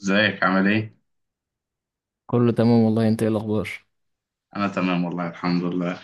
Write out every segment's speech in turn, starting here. ازيك عامل ايه؟ كله تمام والله، انت ايه الاخبار؟ انا تمام والله الحمد لله.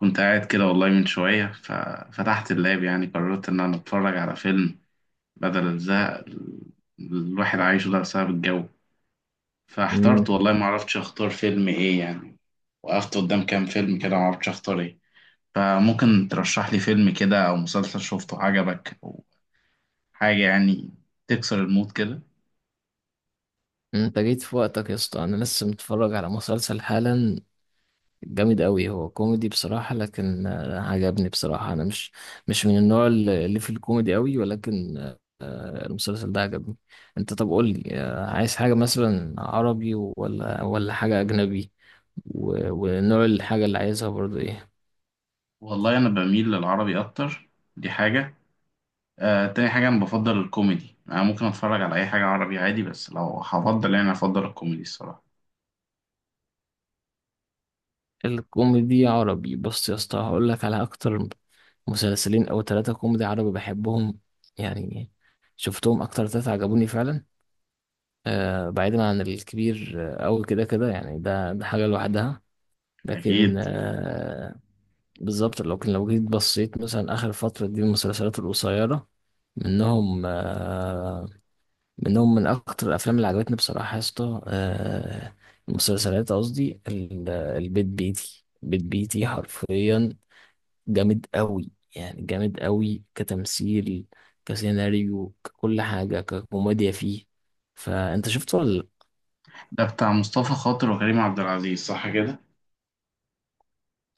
كنت قاعد كده والله من شوية ففتحت اللاب، يعني قررت ان انا اتفرج على فيلم بدل الزهق الواحد عايشه ده بسبب الجو. امم فاحترت والله، ما عرفتش اختار فيلم ايه يعني. وقفت قدام كام فيلم كده، ما عرفتش اختار ايه. فممكن ترشح لي فيلم كده او مسلسل شفته عجبك او حاجة يعني، تكسر المود كده. انت جيت في وقتك يا اسطى، انا لسه متفرج على مسلسل حالا. جامد قوي، هو كوميدي بصراحة، لكن عجبني بصراحة. انا مش من النوع اللي في الكوميدي قوي، ولكن المسلسل ده عجبني. انت طب قول لي، عايز حاجة مثلا عربي ولا حاجة اجنبي، ونوع الحاجة اللي عايزها برضو ايه؟ والله انا بميل للعربي اكتر. دي حاجة. تاني حاجة أنا بفضل الكوميدي. أنا ممكن أتفرج على أي حاجة عربي عادي، بس لو هفضل يعني أفضل الكوميدي الصراحة. الكوميدي عربي، بص يا اسطى، هقول لك على اكتر مسلسلين او ثلاثة كوميدي عربي بحبهم. يعني شفتهم اكتر ثلاثة عجبوني فعلا. بعيدا عن الكبير أوي كده كده، يعني ده حاجة لوحدها، لكن أكيد. بالظبط، لو جيت بصيت مثلا آخر فترة دي، المسلسلات القصيرة منهم من أكتر الأفلام اللي عجبتني بصراحة يا اسطى. المسلسلات قصدي البيت بيتي، بيت بيتي حرفيا، جامد قوي، يعني جامد قوي كتمثيل كسيناريو ككل حاجة ككوميديا فيه. فأنت شفت ولا لأ؟ ده بتاع مصطفى خاطر وكريم عبد العزيز صح كده؟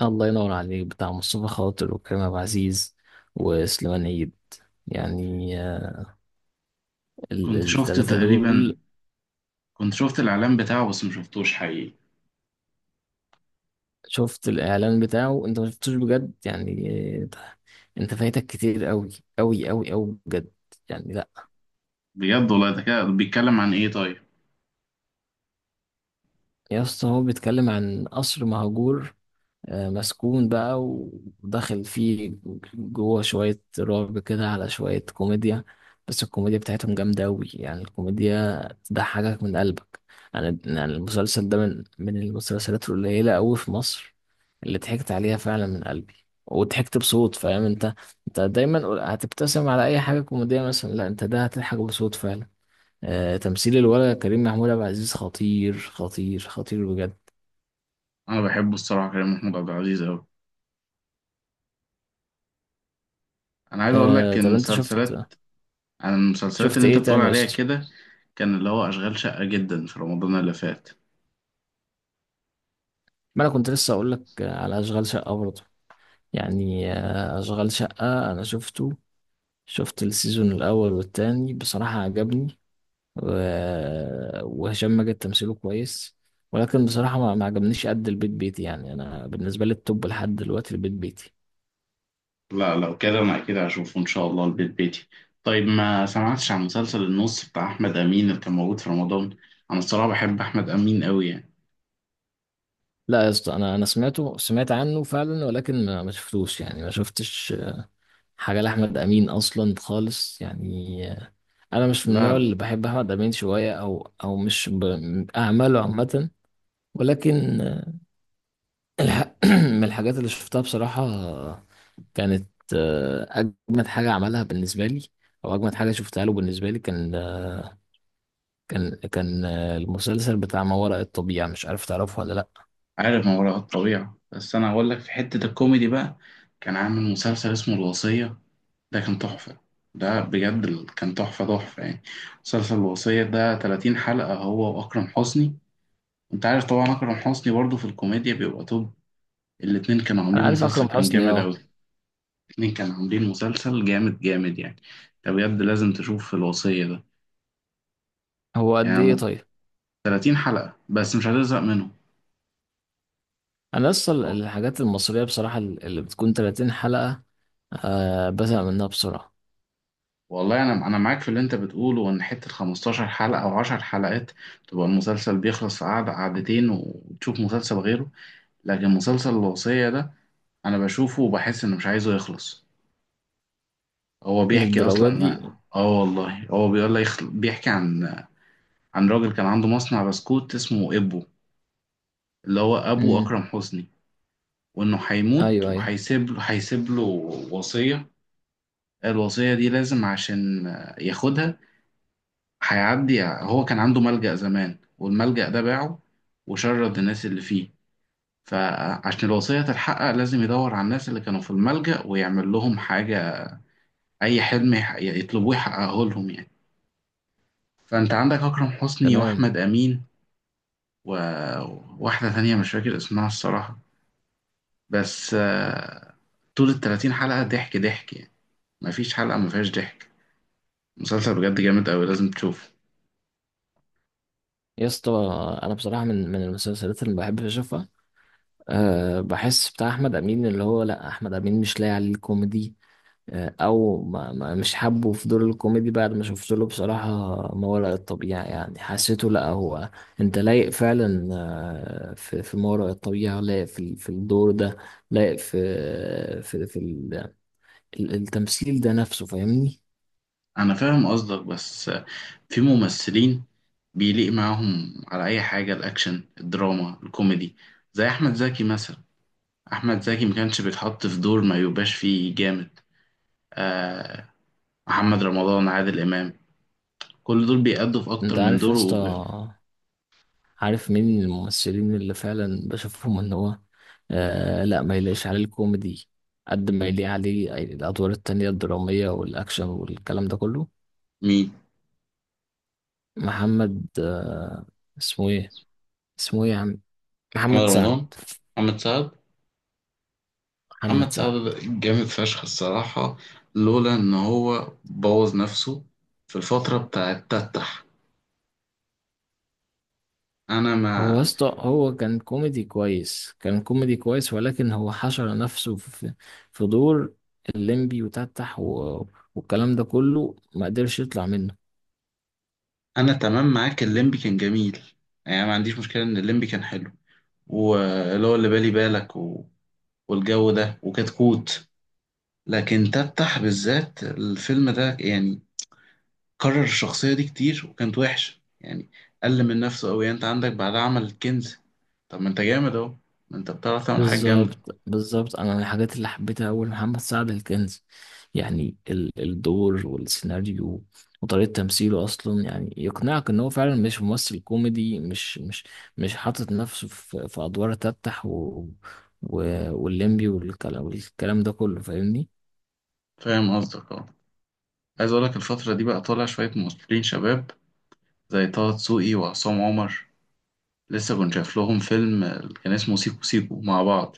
الله ينور عليك، بتاع مصطفى خاطر وكريم عبد العزيز وسليمان عيد، يعني كنت شفت التلاتة تقريبا، دول. كنت شفت الإعلان بتاعه بس مشفتوش حقيقي. شفت الإعلان بتاعه؟ أنت ما شفتوش بجد يعني آه، أنت فايتك كتير، قوي قوي قوي قوي بجد، يعني لأ. بجد والله، ده كده بيتكلم عن إيه طيب؟ يا اسطى، هو بيتكلم عن قصر مهجور، مسكون بقى وداخل فيه جوه شوية رعب كده على شوية كوميديا. بس الكوميديا بتاعتهم جامدة أوي، يعني الكوميديا تضحكك من قلبك. يعني المسلسل ده من المسلسلات القليلة أوي في مصر، اللي ضحكت عليها فعلا من قلبي، وضحكت بصوت. فاهم انت دايما هتبتسم على أي حاجة كوميدية مثلا، لا انت ده هتضحك بصوت فعلا. تمثيل الولد كريم محمود عبد العزيز خطير خطير خطير بجد. أنا بحبه الصراحة كريم محمود عبد العزيز أوي. أنا عايز أقول لك طب انت المسلسلات. أنا المسلسلات شفت اللي أنت ايه بتقول تاني يا عليها اسطى؟ كده، كان اللي هو أشغال شقة جدا في رمضان اللي فات. ما انا كنت لسه اقول لك على اشغال شقه برضه، يعني اشغال شقه انا شفت السيزون الاول والتاني، بصراحه عجبني. وهشام ماجد تمثيله كويس، ولكن بصراحه ما عجبنيش قد البيت بيتي. يعني انا بالنسبه لي التوب لحد دلوقتي البيت بيتي. لا لو كده انا اكيد هشوفه ان شاء الله البيت بيتي. طيب ما سمعتش عن مسلسل النص بتاع احمد امين اللي كان موجود في رمضان؟ انا الصراحه بحب احمد امين قوي يعني. لا يا اسطى، انا سمعت عنه فعلا، ولكن ما شفتوش، يعني ما شفتش حاجه لاحمد امين اصلا خالص يعني. انا مش من لا النوع لا. اللي بحب احمد امين شويه، او مش اعماله عامه، ولكن الح... من الحاجات اللي شفتها بصراحه، كانت اجمد حاجه عملها بالنسبه لي، او اجمد حاجه شفتها له بالنسبه لي، كان آه، كان كان آه، المسلسل بتاع ما وراء الطبيعه. مش عارف تعرفه ولا لا؟ عارف ما وراء الطبيعه، بس انا هقول لك في حته الكوميدي بقى، كان عامل مسلسل اسمه الوصيه. ده كان تحفه. ده بجد كان تحفه تحفه يعني. مسلسل الوصيه ده 30 حلقه، هو واكرم حسني. انت عارف طبعا اكرم حسني برضه في الكوميديا بيبقى توب. الاتنين كانوا انا عاملين عارف مسلسل اكرم كان حسني، جامد اه. قوي. اتنين كانوا عاملين مسلسل جامد جامد يعني. انت بجد لازم تشوف الوصية ده. هو قد يعني ايه مت- طيب؟ 30 حلقة بس مش هتزهق منهم. انا اصل اه الحاجات المصريه بصراحه اللي بتكون 30 حلقه، بزهق منها بسرعه. والله، انا معاك في اللي انت بتقوله، ان حتة 15 حلقة او 10 حلقات تبقى المسلسل بيخلص في قعدة قعدتين وتشوف مسلسل غيره. لكن مسلسل الوصية ده انا بشوفه وبحس انه مش عايزه يخلص. هو بيحكي للدرجه اصلا. دي؟ اه والله، هو بيقول لك بيحكي عن عن راجل كان عنده مصنع بسكوت اسمه ابو، اللي هو ابو امم. اكرم حسني. وانه هيموت ايوه، ايوه، وهيسيب له هيسيب له وصية. الوصية دي لازم عشان ياخدها هيعدي. هو كان عنده ملجأ زمان، والملجأ ده باعه وشرد الناس اللي فيه. فعشان الوصية تتحقق لازم يدور على الناس اللي كانوا في الملجأ ويعمل لهم حاجة، أي حلم يطلبوه يحققه لهم يعني. فأنت عندك أكرم حسني تمام. وأحمد أمين وواحدة تانية مش فاكر اسمها الصراحة، بس طول ال30 حلقة ضحك ضحك يعني. مفيش حلقة مفيهاش ضحك. مسلسل بجد جامد أوي، لازم تشوفه. يا اسطى، انا بصراحه من المسلسلات اللي بحب اشوفها. بحس بتاع احمد امين اللي هو، لا، احمد امين مش لاقي عليه الكوميدي. او ما ما مش حابه في دور الكوميدي بعد ما شفت له بصراحه ما وراء الطبيعه. يعني حسيته، لا هو. انت لايق فعلا، في ما وراء الطبيعه، لايق في الدور ده، لايق في التمثيل ده نفسه، فاهمني؟ أنا فاهم قصدك، بس في ممثلين بيليق معاهم على أي حاجة، الأكشن الدراما الكوميدي. زي أحمد زكي مثلا، أحمد زكي ما كانش بيتحط في دور ما يبقاش فيه جامد. آه، محمد رمضان، عادل إمام، كل دول بيأدوا في أكتر انت من عارف يا دور اسطى، عارف مين من الممثلين اللي فعلا بشوفهم ان هو، لا ما يلاقيش عليه الكوميدي قد ما يليق عليه الادوار التانية الدرامية والاكشن والكلام ده كله. مين؟ محمد، اسمه ايه، اسمه ايه يا عم؟ محمد محمد سعد. رمضان، محمد سعد. محمد محمد سعد سعد. ده جامد فشخ الصراحة. لولا إن هو بوظ نفسه في الفترة بتاعت تتح. أنا هو يا ما اسطى، هو كان كوميدي كويس، كان كوميدي كويس، ولكن هو حشر نفسه في في دور الليمبي وتتح والكلام ده كله، ما قدرش يطلع منه. انا تمام معاك، الليمبي كان جميل. يعني ما عنديش مشكله ان الليمبي كان حلو، واللي هو اللي بالي بالك والجو ده وكتكوت. لكن تفتح بالذات الفيلم ده يعني، كرر الشخصيه دي كتير وكانت وحشه يعني. قل من نفسه قوي. انت عندك بعد عمل الكنز، طب ما انت جامد اهو، ما انت بتعرف تعمل حاجه جامده. بالظبط بالظبط، انا الحاجات اللي حبيتها اول محمد سعد الكنز. يعني الدور والسيناريو وطريقة تمثيله اصلا، يعني يقنعك ان هو فعلا مش ممثل كوميدي، مش حاطط نفسه في ادوار تفتح والليمبي والكلام ده كله، فاهمني؟ فاهم قصدك اه. عايز اقول لك الفتره دي بقى طالع شويه ممثلين شباب زي طه دسوقي وعصام عمر. لسه كنت شايف لهم فيلم كان اسمه سيكو سيكو مع بعض.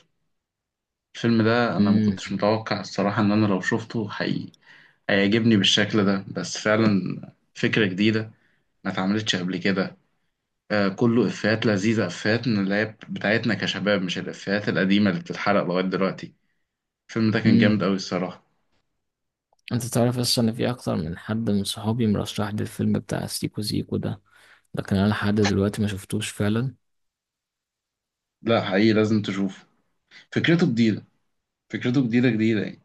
الفيلم ده انا ما امم كنتش متوقع الصراحة ان انا لو شفته حقيقي هيعجبني بالشكل ده، بس فعلا فكرة جديدة ما اتعملتش قبل كده. آه، كله افيهات لذيذة، افيهات من اللي هي بتاعتنا كشباب، مش الافيهات القديمة اللي بتتحرق لغاية دلوقتي. الفيلم ده كان امم جامد قوي الصراحة. انت تعرف اصلا ان في اكتر من حد من صحابي مرشح لي الفيلم بتاع سيكو سيكو ده، لكن انا لحد دلوقتي ما شفتوش فعلا. لا حقيقي لازم تشوفه. فكرته جديدة، فكرته جديدة جديدة يعني.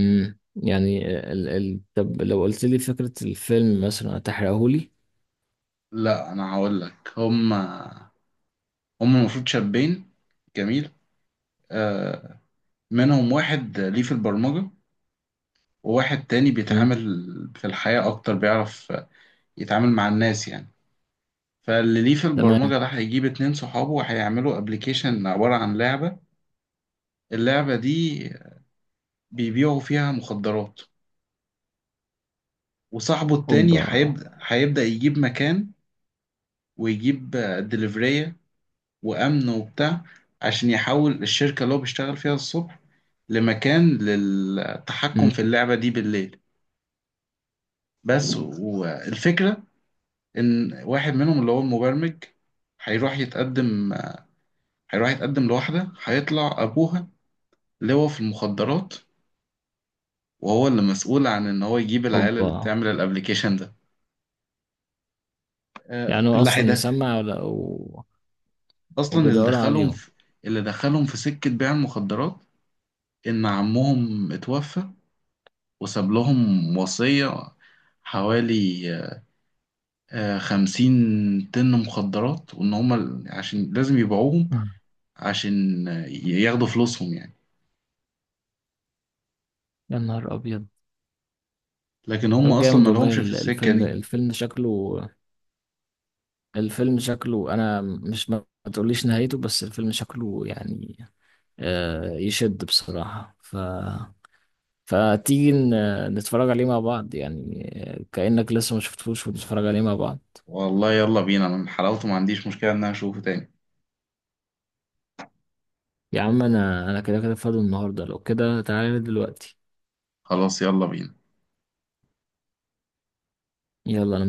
يعني طب لو قلت لي فكرة الفيلم مثلا هتحرقهولي؟ لا انا هقول لك. هما المفروض شابين جميل، آه، منهم واحد ليه في البرمجة وواحد تاني امم، بيتعامل في الحياة أكتر، بيعرف يتعامل مع الناس يعني. فاللي ليه في تمام. البرمجة ده هيجيب اتنين صحابه وهيعملوا ابلكيشن عبارة عن لعبة. اللعبة دي بيبيعوا فيها مخدرات. وصاحبه التاني اوبا. هيبدأ يجيب مكان ويجيب دليفرية وأمن وبتاع، عشان يحول الشركة اللي هو بيشتغل فيها الصبح لمكان للتحكم امم، في اللعبة دي بالليل. بس والفكرة ان واحد منهم اللي هو المبرمج هيروح يتقدم هيروح يتقدم لواحدة هيطلع أبوها لواء في المخدرات، وهو اللي مسؤول عن إن هو يجيب العيال اوبا. اللي بتعمل الأبليكيشن ده. يعني هو اللي اصلا هيدا مسمع ولا أصلا اللي وبيدوروا دخلهم عليهم. في اللي دخلهم في سكة بيع المخدرات. إن عمهم اتوفى وساب لهم وصية، حوالي 50 طن مخدرات، وإن هما عشان لازم يبيعوهم آه. عشان ياخدوا فلوسهم يعني. يا نهار ابيض. لكن هم طب اصلا جامد ما والله، لهمش في السكه دي. الفيلم شكله، الفيلم شكله، انا مش ما تقوليش نهايته، بس الفيلم شكله يعني، يشد بصراحة، فتيجي نتفرج عليه مع بعض، يعني كأنك لسه ما شفتوش، ونتفرج عليه مع بعض. والله يلا بينا، انا من حلاوته ما عنديش مشكله ان انا اشوفه تاني. يا عم، انا كده كده فاضي النهارده، لو كده تعالى دلوقتي. خلاص يلا بينا. يلا، انا.